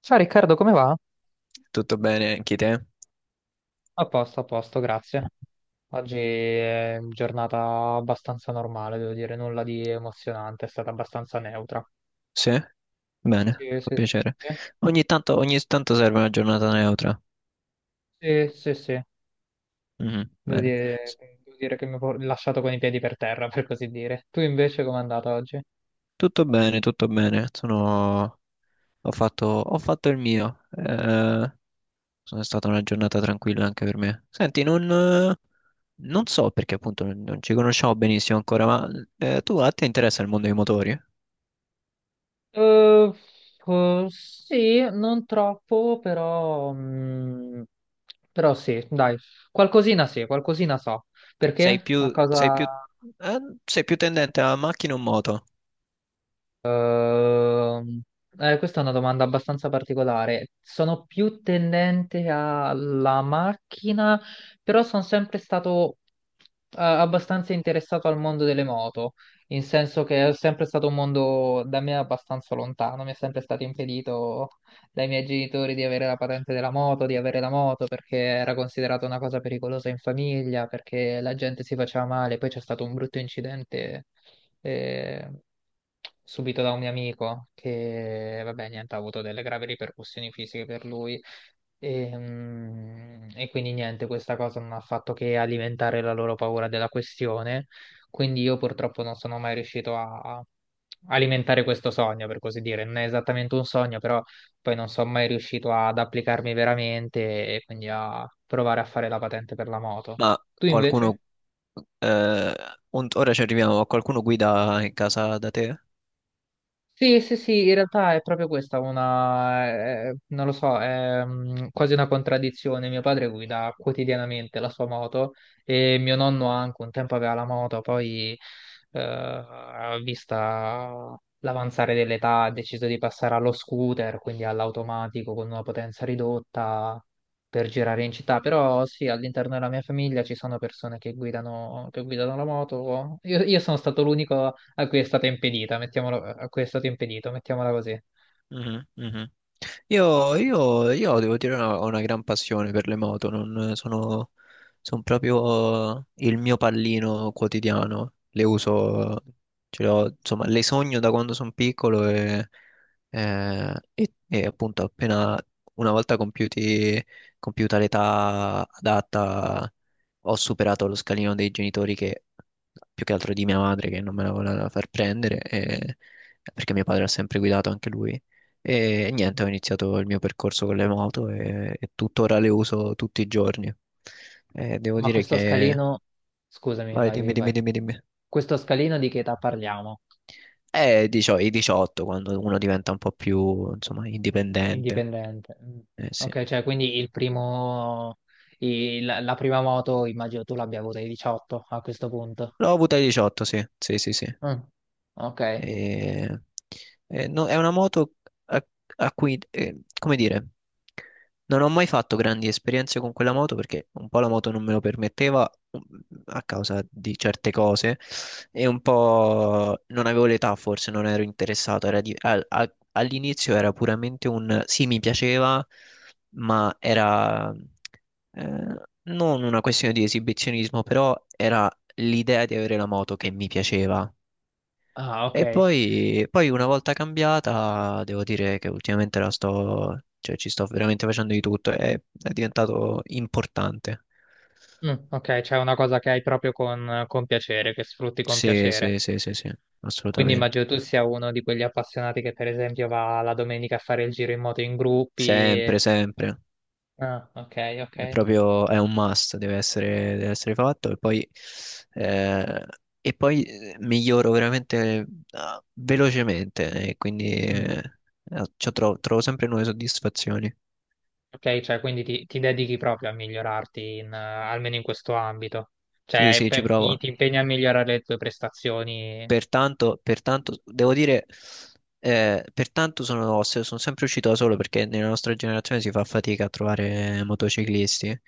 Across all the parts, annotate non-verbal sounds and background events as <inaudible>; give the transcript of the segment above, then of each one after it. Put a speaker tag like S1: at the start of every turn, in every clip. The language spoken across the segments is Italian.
S1: Ciao Riccardo, come va?
S2: Tutto bene anche te?
S1: A posto, grazie. Oggi è giornata abbastanza normale, devo dire, nulla di emozionante, è stata abbastanza neutra.
S2: Sì? Bene,
S1: Sì,
S2: fa
S1: sì,
S2: piacere.
S1: sì,
S2: Ogni tanto serve una giornata neutra.
S1: sì, sì, sì.
S2: Mhm,
S1: Devo
S2: bene.
S1: dire,
S2: S-
S1: Devo dire che mi ho lasciato con i piedi per terra, per così dire. Tu invece com'è andata oggi?
S2: Tutto bene, tutto bene. Sono... Ho fatto il mio. Sono stata una giornata tranquilla anche per me. Senti, non, eh, non so perché appunto non ci conosciamo benissimo ancora, ma tu a te interessa il mondo dei motori?
S1: Eh, sì, non troppo, però, però sì, dai, qualcosina sì, qualcosina so.
S2: Sei
S1: Perché? A
S2: più, sei
S1: cosa?
S2: più, eh, sei più tendente a macchina o moto?
S1: Ehm, Questa è una domanda abbastanza particolare. Sono più tendente alla macchina, però sono sempre stato abbastanza interessato al mondo delle moto, in senso che è sempre stato un mondo da me abbastanza lontano, mi è sempre stato impedito dai miei genitori di avere la patente della moto, di avere la moto perché era considerata una cosa pericolosa in famiglia, perché la gente si faceva male, poi c'è stato un brutto incidente eh, subito da un mio amico che, vabbè, niente, ha avuto delle gravi ripercussioni fisiche per lui. E, e quindi niente, questa cosa non ha fatto che alimentare la loro paura della questione. Quindi io purtroppo non sono mai riuscito a alimentare questo sogno, per così dire. Non è esattamente un sogno, però poi non sono mai riuscito ad applicarmi veramente e quindi a provare a fare la patente per la moto.
S2: Ma
S1: Tu
S2: qualcuno
S1: invece?
S2: Eh, un- ora ci arriviamo, ma qualcuno guida in casa da te?
S1: Sì, sì, sì, in realtà è proprio questa una, non lo so, è quasi una contraddizione. Mio padre guida quotidianamente la sua moto e mio nonno anche un tempo aveva la moto, poi vista l'avanzare dell'età ha deciso di passare allo scooter, quindi all'automatico con una potenza ridotta per girare in città. Però sì, all'interno della mia famiglia ci sono persone che guidano la moto. Io sono stato l'unico a cui è stata impedita, mettiamolo, a cui è stato impedito, mettiamola così.
S2: Mhm, mhm. Io devo dire una- ho una gran passione per le moto, non sono, sono proprio il mio pallino quotidiano, le uso, ce le ho- insomma, le sogno da quando sono piccolo e appunto appena una volta compiuti, compiuta l'età adatta ho superato lo scalino dei genitori che più che altro di mia madre che non me la voleva far prendere e- perché mio padre ha sempre guidato anche lui e niente, ho iniziato il mio percorso con le moto e tuttora le uso tutti i giorni. E devo
S1: Ma
S2: dire
S1: questo
S2: che...
S1: scalino, scusami,
S2: Vai,
S1: vai,
S2: dimmi,
S1: vai,
S2: dimmi,
S1: vai.
S2: dimmi, dimmi.
S1: Questo scalino di che età parliamo?
S2: Dicio- i 18, quando uno diventa un po' più, insomma, indipendente.
S1: Indipendente. Mm.
S2: Eh sì.
S1: Ok, cioè quindi il primo, la prima moto immagino tu l'abbia avuta ai 18 a questo punto.
S2: L'ho avuta ai 18, sì, sì, sì, sì.
S1: Mm. Ok.
S2: E- e no- è una moto a, a cui, come dire, non ho mai fatto grandi esperienze con quella moto perché un po' la moto non me lo permetteva mm, a causa di certe cose e un po' non avevo l'età, forse non ero interessato. Era di- al- a- all'inizio era puramente un sì, mi piaceva, ma era non una questione di esibizionismo, però era l'idea di avere la moto che mi piaceva.
S1: Ah, ok.
S2: E poi una volta cambiata, devo dire che ultimamente la sto, cioè, ci sto veramente facendo di tutto, è diventato importante.
S1: Mm, ok, c'è una cosa che hai proprio con piacere, che sfrutti con
S2: Sì,
S1: piacere.
S2: sì, sì, sì, sì,
S1: Quindi immagino
S2: assolutamente.
S1: tu sia uno di quegli appassionati che per esempio va la domenica a fare il giro in moto in gruppi.
S2: Sempre, sempre.
S1: Ah, ok, ok.
S2: È proprio, è un must, deve essere fatto e eh, poi miglioro veramente ah, velocemente e quindi
S1: Mm.
S2: cioè, tro- trovo sempre nuove soddisfazioni.
S1: Ok, cioè quindi ti dedichi proprio a migliorarti in, almeno in questo ambito.
S2: Sì,
S1: Cioè,
S2: sì, ci provo.
S1: ti impegni a migliorare le tue prestazioni
S2: Pertanto, devo dire, pertanto sono, se- sono sempre uscito da solo perché nella nostra generazione si fa fatica a trovare motociclisti.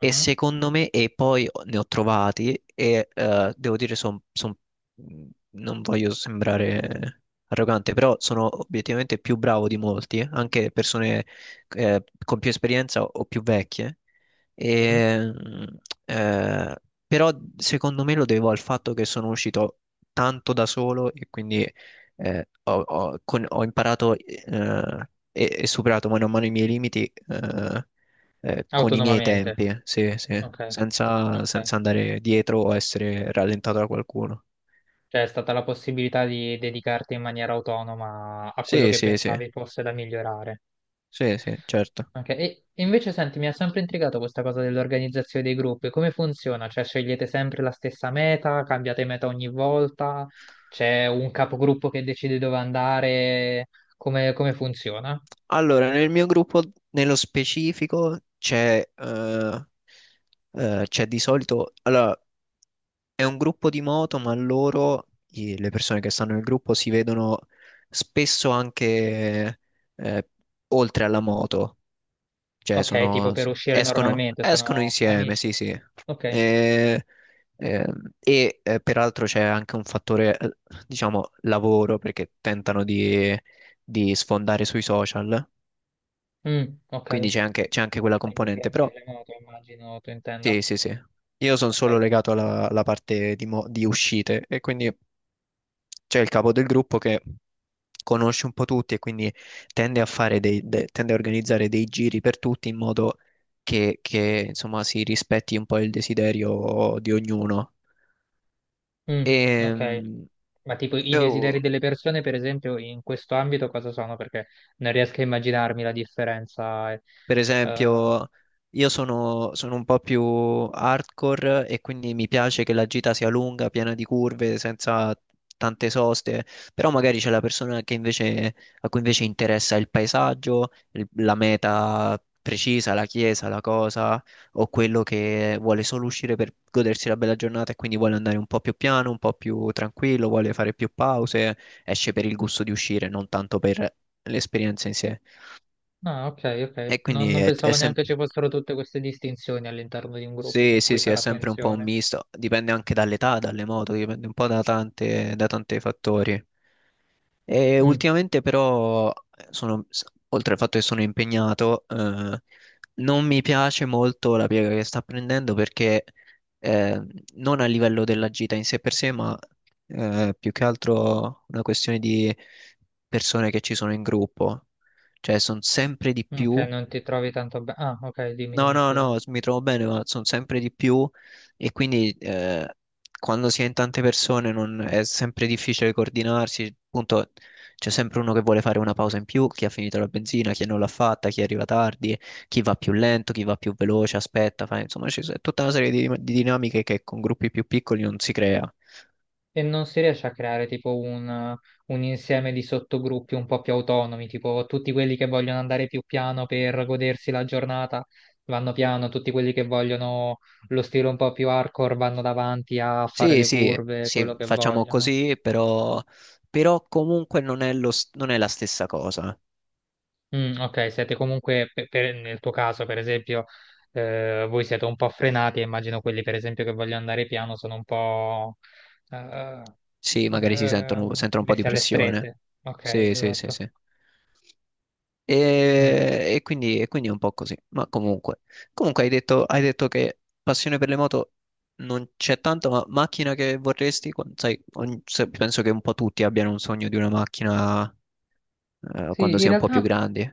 S2: E
S1: mhm,
S2: secondo me, e poi ne ho trovati, e devo dire, son- son- mhmm, non voglio sembrare arrogante, però sono obiettivamente più bravo di molti, anche persone con più esperienza o più vecchie.
S1: mhm,
S2: E, mh, eh, Però secondo me lo devo al fatto che sono uscito tanto da solo e quindi ho imparato e superato mano a mano i miei limiti con i miei
S1: autonomamente.
S2: tempi, sì, sì,
S1: Ok,
S2: senza,
S1: ok.
S2: senza andare dietro o essere rallentato da qualcuno.
S1: Cioè, è stata la possibilità di dedicarti in maniera autonoma a quello
S2: Sì,
S1: che
S2: sì, sì,
S1: pensavi fosse da migliorare.
S2: sì, sì, certo.
S1: Ok, e invece senti, mi ha sempre intrigato questa cosa dell'organizzazione dei gruppi. Come funziona? Cioè, scegliete sempre la stessa meta, cambiate meta ogni volta, c'è un capogruppo che decide dove andare, come, come funziona?
S2: Allora, nel mio gruppo, nello specifico, c'è di solito. Allora, è un gruppo di moto, ma loro, i- le persone che stanno nel gruppo, si vedono spesso anche eh, oltre alla moto, cioè
S1: Ok, tipo
S2: sono,
S1: per uscire
S2: escono,
S1: normalmente,
S2: escono
S1: sono
S2: insieme,
S1: amici.
S2: sì, sì.
S1: Ok.
S2: E, Peraltro c'è anche un fattore, diciamo, lavoro, perché tentano di sfondare sui social,
S1: Mm, ok.
S2: quindi c'è anche quella
S1: Sempre
S2: componente,
S1: grazie
S2: però
S1: al remoto, immagino tu intenda.
S2: sì, sì, sì. Io sono
S1: Ok.
S2: solo legato alla, alla parte di, mo- di uscite e quindi... c'è il capo del gruppo che conosce un po' tutti e quindi tende a fare dei, de- tende a organizzare dei giri per tutti in modo che, insomma si rispetti un po' il desiderio di ognuno.
S1: Mm,
S2: E,
S1: ok. Ma tipo i desideri delle persone, per esempio, in questo ambito cosa sono? Perché non riesco a immaginarmi la differenza. Eh.
S2: per
S1: Eh,
S2: esempio, io sono, sono un po' più hardcore e quindi mi piace che la gita sia lunga, piena di curve, senza tante soste, però magari c'è la persona che invece, a cui invece interessa il paesaggio, il- la meta precisa, la chiesa, la cosa, o quello che vuole solo uscire per godersi la bella giornata e quindi vuole andare un po' più piano, un po' più tranquillo, vuole fare più pause, esce per il gusto di uscire, non tanto per l'esperienza in sé.
S1: ah, ok, ok.
S2: E
S1: Non,
S2: quindi
S1: non
S2: è
S1: pensavo neanche
S2: sempre.
S1: ci fossero tutte queste distinzioni all'interno di un gruppo
S2: Sì,
S1: a cui
S2: sì, sì, è
S1: fare
S2: sempre un po' un
S1: attenzione.
S2: misto, dipende anche dall'età, dalle moto, dipende un po' da tante, da tanti fattori. E
S1: Mm,
S2: ultimamente però, sono, s- oltre al fatto che sono impegnato, non mi piace molto la piega che sta prendendo perché eh, non a livello della gita in sé per sé, ma più che altro una questione di persone che ci sono in gruppo, cioè sono sempre di
S1: ok,
S2: più.
S1: non ti trovi tanto bene. Ah, ok, dimmi,
S2: No,
S1: dimmi,
S2: no,
S1: scusa.
S2: no, s- mi trovo bene, ma sono sempre di più e quindi quando si è in tante persone non- è sempre difficile coordinarsi, appunto c'è sempre uno che vuole fare una pausa in più, chi ha finito la benzina, chi non l'ha fatta, chi arriva tardi, chi va più lento, chi va più veloce, aspetta, fa- insomma c'è s- tutta una serie di dinamiche che con gruppi più piccoli non si crea.
S1: E non si riesce a creare tipo un insieme di sottogruppi un po' più autonomi, tipo tutti quelli che vogliono andare più piano per godersi la giornata vanno piano, tutti quelli che vogliono lo stile un po' più hardcore vanno davanti a fare
S2: Sì,
S1: le
S2: sì,
S1: curve,
S2: sì,
S1: quello che
S2: facciamo
S1: vogliono.
S2: così, però, però comunque non è lo s- non è la stessa cosa.
S1: Mm, ok, siete comunque, nel tuo caso per esempio, voi siete un po' frenati, e immagino quelli per esempio che vogliono andare piano sono un po' eh,
S2: Sì, magari si sentono, sentono un po' di
S1: messi alle
S2: pressione.
S1: strette. Ok,
S2: Sì, sì, sì,
S1: esatto.
S2: sì.
S1: Mm.
S2: E quindi è un po' così. Ma comunque, comunque hai detto che passione per le moto non c'è tanto, ma macchina che vorresti? Quan- Sai, ogni- se- penso che un po' tutti abbiano un sogno di una macchina quando
S1: Sì,
S2: si
S1: in
S2: è un po' più
S1: realtà,
S2: grandi.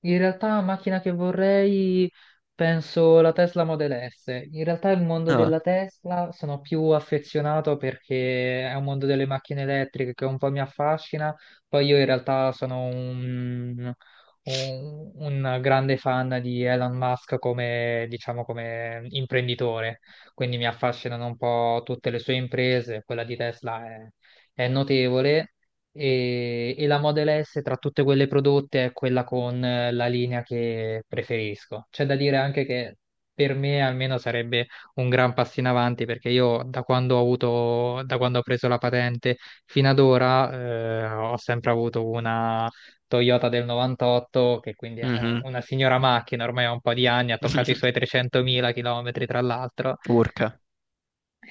S1: in realtà la macchina che vorrei penso la Tesla Model S. In realtà il mondo
S2: Ah,
S1: della Tesla sono più affezionato perché è un mondo delle macchine elettriche che un po' mi affascina. Poi io in realtà sono un grande fan di Elon Musk come, diciamo, come imprenditore, quindi mi affascinano un po' tutte le sue imprese, quella di Tesla è notevole e la Model S tra tutte quelle prodotte è quella con la linea che preferisco. C'è da dire anche che per me almeno sarebbe un gran passo in avanti perché io da quando ho preso la patente fino ad ora ho sempre avuto una Toyota del 98 che quindi è
S2: mhm.
S1: una signora macchina, ormai ha un po' di anni, ha toccato i suoi
S2: <laughs>
S1: 300.000 km tra l'altro
S2: Urca,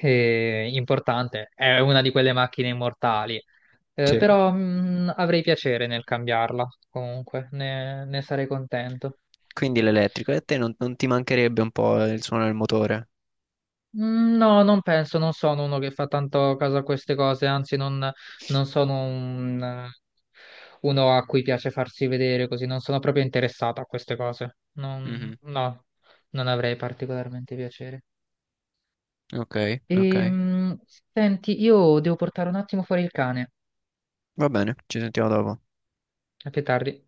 S1: importante, è una di quelle macchine immortali. Eh,
S2: sì.
S1: però mh, avrei piacere nel cambiarla, comunque, ne sarei contento.
S2: Quindi l'elettrico. E a te non, non ti mancherebbe un po' il suono del motore?
S1: Mm, no, non penso, non sono uno che fa tanto caso a queste cose, anzi non sono uno a cui piace farsi vedere così, non sono proprio interessato a queste cose.
S2: Mhm.
S1: No, non avrei particolarmente piacere.
S2: Ok, ok.
S1: E, senti, io devo portare un attimo fuori il cane,
S2: Va bene, ci sentiamo dopo.
S1: a più tardi.